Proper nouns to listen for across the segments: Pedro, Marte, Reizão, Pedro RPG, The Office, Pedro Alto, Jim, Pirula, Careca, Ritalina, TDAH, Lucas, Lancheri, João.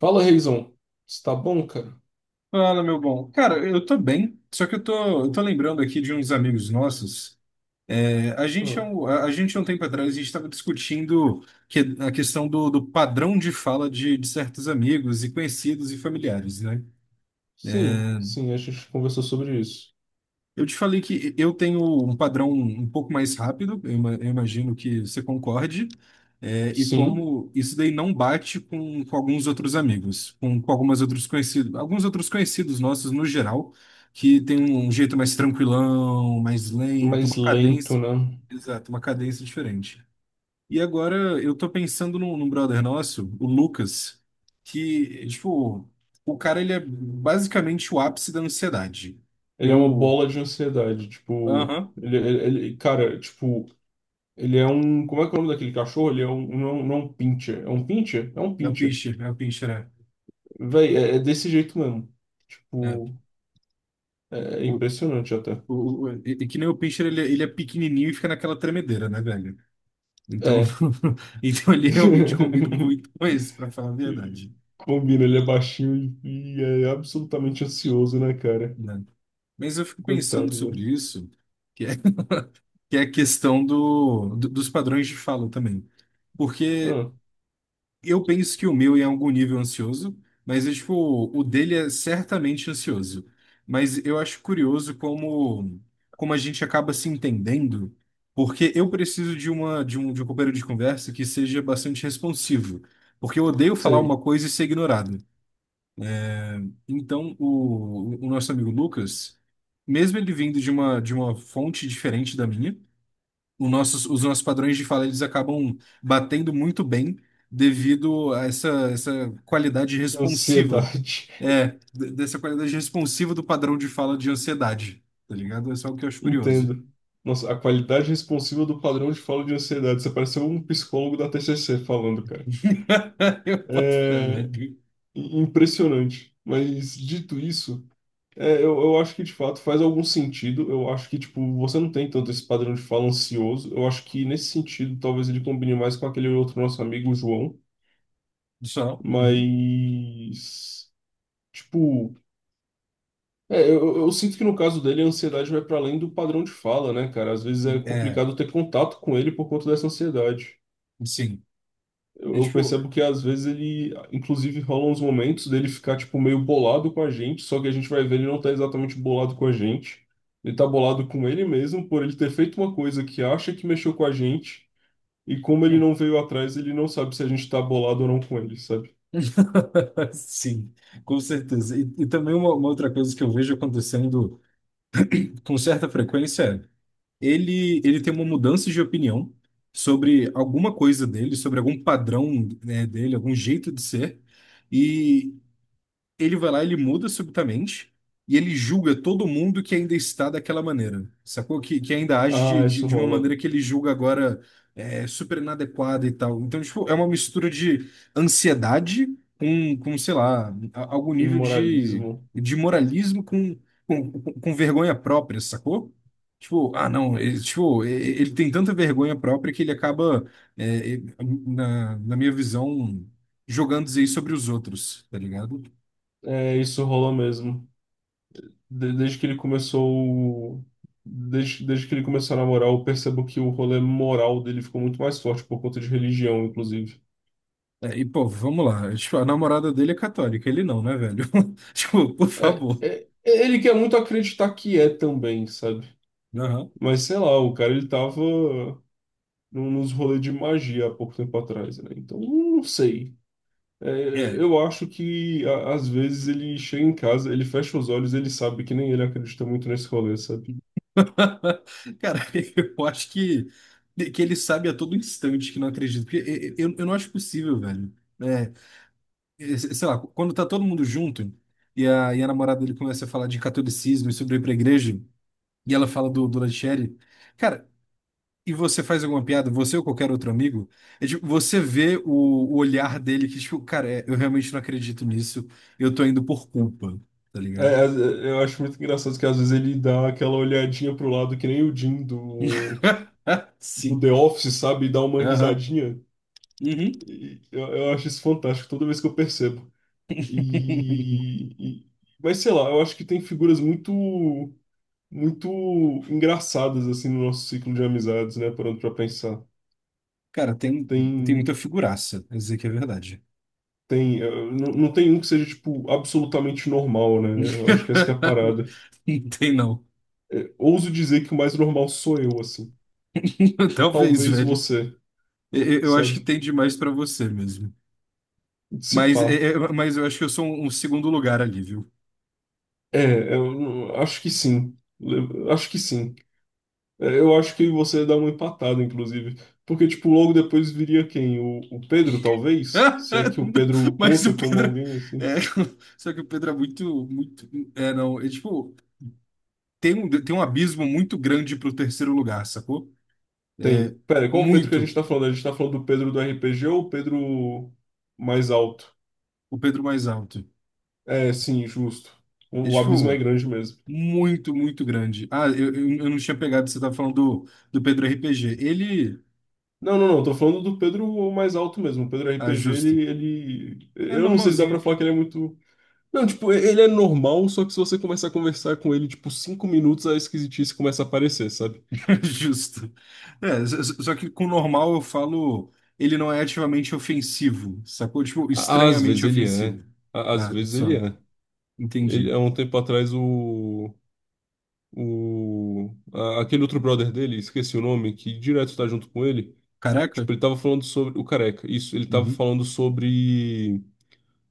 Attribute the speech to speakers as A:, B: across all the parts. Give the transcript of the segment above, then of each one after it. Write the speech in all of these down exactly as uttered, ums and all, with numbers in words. A: Fala, Reizão. Está bom, cara?
B: Fala, meu bom. Cara, eu tô bem, só que eu tô, eu tô lembrando aqui de uns amigos nossos. É, a gente, há
A: Ah,
B: um- a a gente, há um tempo atrás, a gente estava discutindo que, a questão do, do padrão de fala de, de certos amigos e conhecidos e familiares, né?
A: sim, sim, a gente conversou sobre isso.
B: Eu te falei que eu tenho um padrão um pouco mais rápido, eu ima- eu imagino que você concorde, é, e
A: Sim,
B: como isso daí não bate com, com alguns outros amigos, com, com algumas outros conhecidos, alguns outros conhecidos nossos no geral, que tem um um jeito mais tranquilão, mais lento,
A: mas
B: uma
A: lento,
B: cadência,
A: né?
B: exato, uma cadência diferente. E agora eu tô pensando num, num brother nosso, o Lucas, que, tipo, o cara ele é basicamente o ápice da ansiedade.
A: Ele é uma
B: Eu
A: bola de ansiedade, tipo,
B: aham.
A: ele, ele- ele- cara, tipo, ele é um, como é que é o nome daquele cachorro? Ele é um, não, não é um pincher, é um pincher? É um
B: É o
A: pincher.
B: Pinscher, é o Pinscher, é.
A: Véi, é, é desse jeito mesmo.
B: É.
A: Tipo, é, é
B: O,
A: impressionante até.
B: o, o- e, e que nem o Pinscher, ele, ele é pequenininho e fica naquela tremedeira, né, velho? Então,
A: É.
B: então ele realmente combina muito com esse, pra falar a verdade,
A: Combina, ele é baixinho e, e é absolutamente ansioso, né, cara?
B: né? Mas eu fico pensando
A: Coitado,
B: sobre
A: velho.
B: isso, que é, que é a questão do, do- dos padrões de fala também. Porque
A: Ah.
B: eu penso que o meu é em algum nível ansioso, mas é, tipo, o dele é certamente ansioso. Mas eu acho curioso como, como a gente acaba se entendendo, porque eu preciso de uma de um, de um companheiro de conversa que seja bastante responsivo, porque eu odeio falar uma
A: Sei.
B: coisa e ser ignorado. Então, o, o nosso amigo Lucas, mesmo ele vindo de uma de uma fonte diferente da minha, o nossos, os nossos padrões de fala eles acabam batendo muito bem devido a essa, essa qualidade responsiva.
A: Ansiedade.
B: É, d- dessa qualidade responsiva do padrão de fala de ansiedade. Tá ligado? É só o que eu acho curioso.
A: Entendo. Nossa, a qualidade responsiva do padrão de fala de ansiedade. Você pareceu um psicólogo da T C C falando, cara.
B: Eu boto fé,
A: É
B: velho.
A: i- impressionante. Mas dito isso, é, eu, eu acho que de fato faz algum sentido. Eu acho que, tipo, você não tem tanto esse padrão de fala ansioso. Eu acho que nesse sentido, talvez ele combine mais com aquele outro nosso amigo, o João.
B: Só. Uhum.
A: Mas, tipo. É, eu, eu sinto que no caso dele a ansiedade vai para além do padrão de fala, né, cara? Às vezes é
B: É,
A: complicado ter contato com ele por conta dessa ansiedade.
B: sim.
A: Eu,
B: É,
A: eu
B: tipo.
A: percebo que às vezes ele, inclusive, rolam uns momentos dele ficar, tipo, meio bolado com a gente, só que a gente vai ver ele não tá exatamente bolado com a gente. Ele tá bolado com ele mesmo por ele ter feito uma coisa que acha que mexeu com a gente, e como ele não veio atrás, ele não sabe se a gente tá bolado ou não com ele, sabe?
B: Sim, com certeza. E, e também uma, uma outra coisa que eu vejo acontecendo com certa frequência, ele, ele tem uma mudança de opinião sobre alguma coisa dele, sobre algum padrão, né, dele, algum jeito de ser. E ele vai lá, ele muda subitamente e ele julga todo mundo que ainda está daquela maneira, sacou? Que, que ainda age de,
A: Ah,
B: de,
A: isso
B: de uma
A: rola.
B: maneira que ele julga agora é super inadequada e tal. Então, tipo, é uma mistura de ansiedade com, com sei lá, a- algum
A: Um
B: nível de,
A: moralismo.
B: de moralismo com, com, com com vergonha própria, sacou? Tipo, ah, não, ele, tipo, e- e- ele tem tanta vergonha própria que ele acaba, é, e- na, na minha visão, jogando isso aí sobre os outros, tá ligado?
A: É, isso rola mesmo. De- desde que ele começou, desde, desde que ele começou a namorar, eu percebo que o rolê moral dele ficou muito mais forte por conta de religião, inclusive.
B: É, e, pô, vamos lá. Tipo, a namorada dele é católica, ele não, né, velho? Tipo, por
A: É,
B: favor.
A: é, ele quer muito acreditar que é também, sabe?
B: Aham.
A: Mas sei lá, o cara ele tava num- nos rolês de magia há pouco tempo atrás, né? Então, não sei. É,
B: É.
A: eu acho que a- às vezes ele chega em casa, ele fecha os olhos, ele sabe que nem ele acredita muito nesse rolê, sabe?
B: Cara, eu acho que, que ele sabe a todo instante que não acredita. Porque e- e- eu, eu não acho possível, velho. É, e- sei lá, quando tá todo mundo junto e a, e a namorada dele começa a falar de catolicismo e sobre ir pra igreja, e ela fala do, do Lancheri. Cara, e você faz alguma piada, você ou qualquer outro amigo, é tipo, você vê o, o olhar dele que, tipo, cara, é, eu realmente não acredito nisso, eu tô indo por culpa, tá
A: É,
B: ligado?
A: às- é, eu acho muito engraçado que às vezes ele dá aquela olhadinha pro lado que nem o Jim do, do
B: Sim.
A: The Office, sabe? E dá uma
B: Aham.
A: risadinha.
B: Uhum.
A: E eu, eu acho isso fantástico toda vez que eu percebo. E, e- mas sei lá, eu acho que tem figuras muito muito engraçadas assim no nosso ciclo de amizades, né? Parando pra pensar.
B: Cara, tem, tem
A: Tem,
B: muita figuraça, pra dizer que é verdade.
A: tem, eh, não, não tem um que seja tipo absolutamente normal, né? Eu acho que essa que é a parada.
B: Não tem, não.
A: Eh, ouso dizer que o mais normal sou eu, assim.
B: Talvez,
A: Talvez
B: velho.
A: você,
B: Eu, eu acho que
A: sabe?
B: tem demais pra você mesmo.
A: Se
B: Mas,
A: pá.
B: é- é- mas eu acho que eu sou um, um segundo lugar ali, viu?
A: É, eu não- acho que sim. Le- Acho que sim. Eh, Eu acho que você dá uma empatada, inclusive. Porque, tipo, logo depois viria quem? O, o Pedro, talvez? Se é que o Pedro
B: Mas
A: conta
B: o
A: como
B: Pedro.
A: alguém, assim.
B: É, só que o Pedro é muito, muito. É, não. É tipo, tem um, tem um abismo muito grande pro terceiro lugar, sacou? É
A: Tem. Pera, qual o Pedro que a gente
B: muito
A: tá falando? A gente tá falando do Pedro do R P G ou o Pedro mais alto?
B: o Pedro mais alto.
A: É, sim, justo. O,
B: É
A: o abismo é
B: tipo,
A: grande mesmo.
B: muito, muito grande. Ah, eu, eu, eu não tinha pegado, você tava falando do, do Pedro R P G. Ele.
A: Não, não, não, tô falando do Pedro mais alto mesmo. O Pedro
B: Ah,
A: R P G,
B: justo.
A: ele, ele.
B: É
A: Eu não sei se dá
B: normalzinho,
A: pra falar que ele é muito. Não, tipo, e- ele é normal, só que se você começar a conversar com ele, tipo, cinco minutos, a esquisitice começa a aparecer, sabe?
B: justo. É, só só- só que com normal eu falo. Ele não é ativamente ofensivo, sacou? Tipo,
A: À- Às vezes
B: estranhamente
A: ele é.
B: ofensivo.
A: À- Às
B: Ah,
A: vezes ele
B: só.
A: é. Ele,
B: Entendi.
A: há um tempo atrás, o. O, a- aquele outro brother dele, esqueci o nome, que direto tá junto com ele.
B: Caraca?
A: Tipo, ele tava falando sobre. O Careca, isso, ele tava
B: Uhum.
A: falando sobre.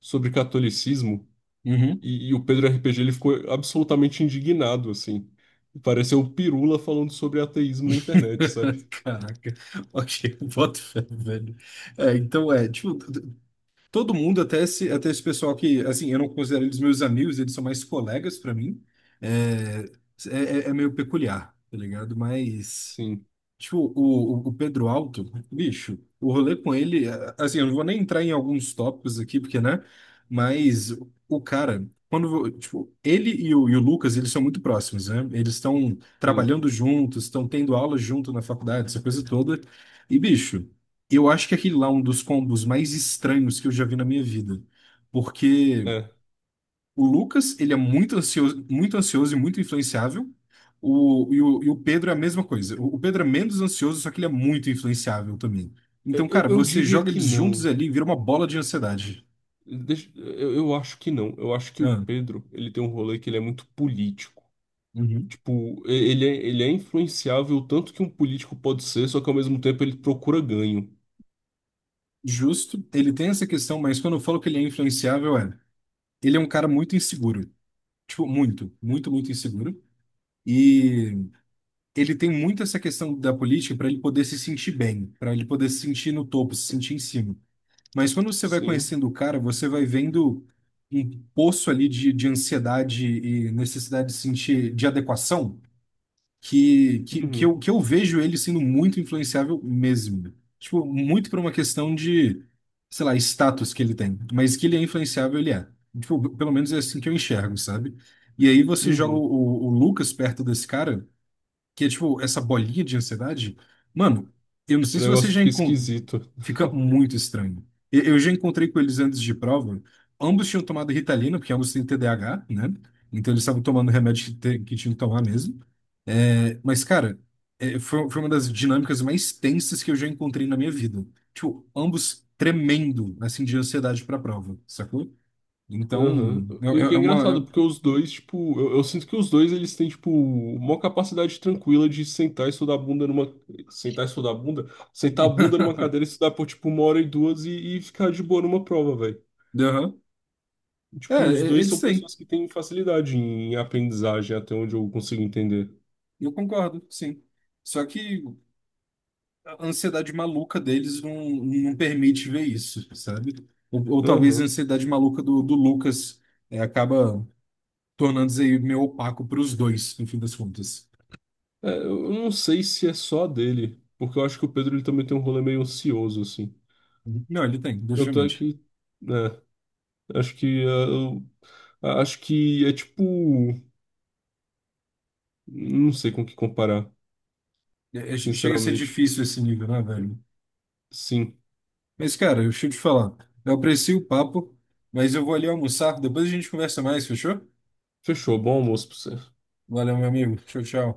A: Sobre catolicismo.
B: Uhum.
A: E, e o Pedro R P G ele ficou absolutamente indignado, assim. Pareceu o Pirula falando sobre ateísmo na internet, sabe?
B: Caraca. Ok, boto fé, velho. É, então é, tipo, t- t- todo mundo, até esse, até esse pessoal que, assim, eu não considero eles meus amigos, eles são mais colegas pra mim. É, é, é é meio peculiar, tá ligado? Mas.
A: Sim,
B: Tipo, o, o o Pedro Alto, bicho, o rolê com ele, é, assim, eu não vou nem entrar em alguns tópicos aqui, porque, né? Mas o o cara, quando, vo- tipo, ele e o, e o Lucas, eles são muito próximos, né? Eles estão
A: sim.
B: trabalhando juntos, estão tendo aula junto na faculdade, essa coisa toda. E, bicho, eu acho que aquele lá é um dos combos mais estranhos que eu já vi na minha vida.
A: É.
B: O Lucas, ele é muito ansioso, muito ansioso e muito influenciável. O, e, o, e o Pedro é a mesma coisa. O, o Pedro é menos ansioso, só que ele é muito influenciável também.
A: Eu,
B: Então,
A: eu-
B: cara,
A: eu
B: você
A: diria
B: joga
A: que
B: eles juntos
A: não.
B: ali e vira uma bola de ansiedade.
A: Deixa- eu, eu acho que não. Eu acho que o
B: Ah,
A: Pedro, ele tem um rolê que ele é muito político.
B: uhum.
A: Tipo, e- ele é, ele é influenciável tanto que um político pode ser, só que ao mesmo tempo ele procura ganho.
B: Justo. Ele tem essa questão, mas quando eu falo que ele é influenciável, é. Ele é um cara muito inseguro. Tipo, muito, muito, muito inseguro. E ele tem muito essa questão da política para ele poder se sentir bem, para ele poder se sentir no topo, se sentir em cima. Mas quando você vai
A: Sim.
B: conhecendo o cara, você vai vendo um poço ali de, de ansiedade e necessidade de sentir de adequação que, que, que,
A: Uhum,
B: eu, que eu vejo ele sendo muito influenciável mesmo. Tipo, muito por uma questão de, sei lá, status que ele tem. Mas que ele é influenciável, ele é. Tipo, pelo menos é assim que eu enxergo, sabe? E aí você joga o,
A: uhum.
B: o o Lucas perto desse cara que é tipo essa bolinha de ansiedade, mano, eu não sei
A: O
B: se você
A: negócio
B: já
A: fica
B: encontra,
A: esquisito.
B: fica muito estranho. E- Eu já encontrei com eles antes de prova, ambos tinham tomado Ritalina, porque ambos têm T D A H, né? Então eles estavam tomando remédio que, te- que tinham que tomar mesmo. É, mas, cara, é, foi, foi uma das dinâmicas mais tensas que eu já encontrei na minha vida. Tipo, ambos tremendo, assim, de ansiedade pra prova, sacou? Então,
A: Aham.
B: é, é-
A: E o que
B: é
A: é engraçado,
B: uma...
A: porque os dois, tipo, eu, eu sinto que os dois eles têm, tipo, uma capacidade tranquila de sentar e estudar a bunda numa. Sentar e estudar a bunda? Sentar a
B: É-
A: bunda numa cadeira e estudar por, tipo, uma hora e duas e, e ficar de boa numa prova, velho.
B: Aham. É,
A: Tipo, os
B: é-
A: dois
B: eles
A: são
B: têm.
A: pessoas que têm facilidade em aprendizagem, até onde eu consigo entender.
B: Eu concordo, sim. Só que a ansiedade maluca deles não, não permite ver isso, sabe? Ou, ou talvez a
A: Aham.
B: ansiedade maluca do, do Lucas é, acaba tornando-se aí meio opaco para os dois, no fim das contas.
A: É, eu não sei se é só dele, porque eu acho que o Pedro ele também tem um rolê meio ansioso, assim.
B: Não, ele tem,
A: Tanto é
B: definitivamente.
A: que, né, acho que, é, eu- a- acho que é tipo, não sei com o que comparar,
B: É- é- chega a ser
A: sinceramente.
B: difícil esse nível, né, velho?
A: Sim.
B: Mas, cara, deixa eu te falar. Eu aprecio o papo, mas eu vou ali almoçar. Depois a gente conversa mais, fechou?
A: Fechou, bom almoço pra você.
B: Valeu, meu amigo. Tchau, tchau.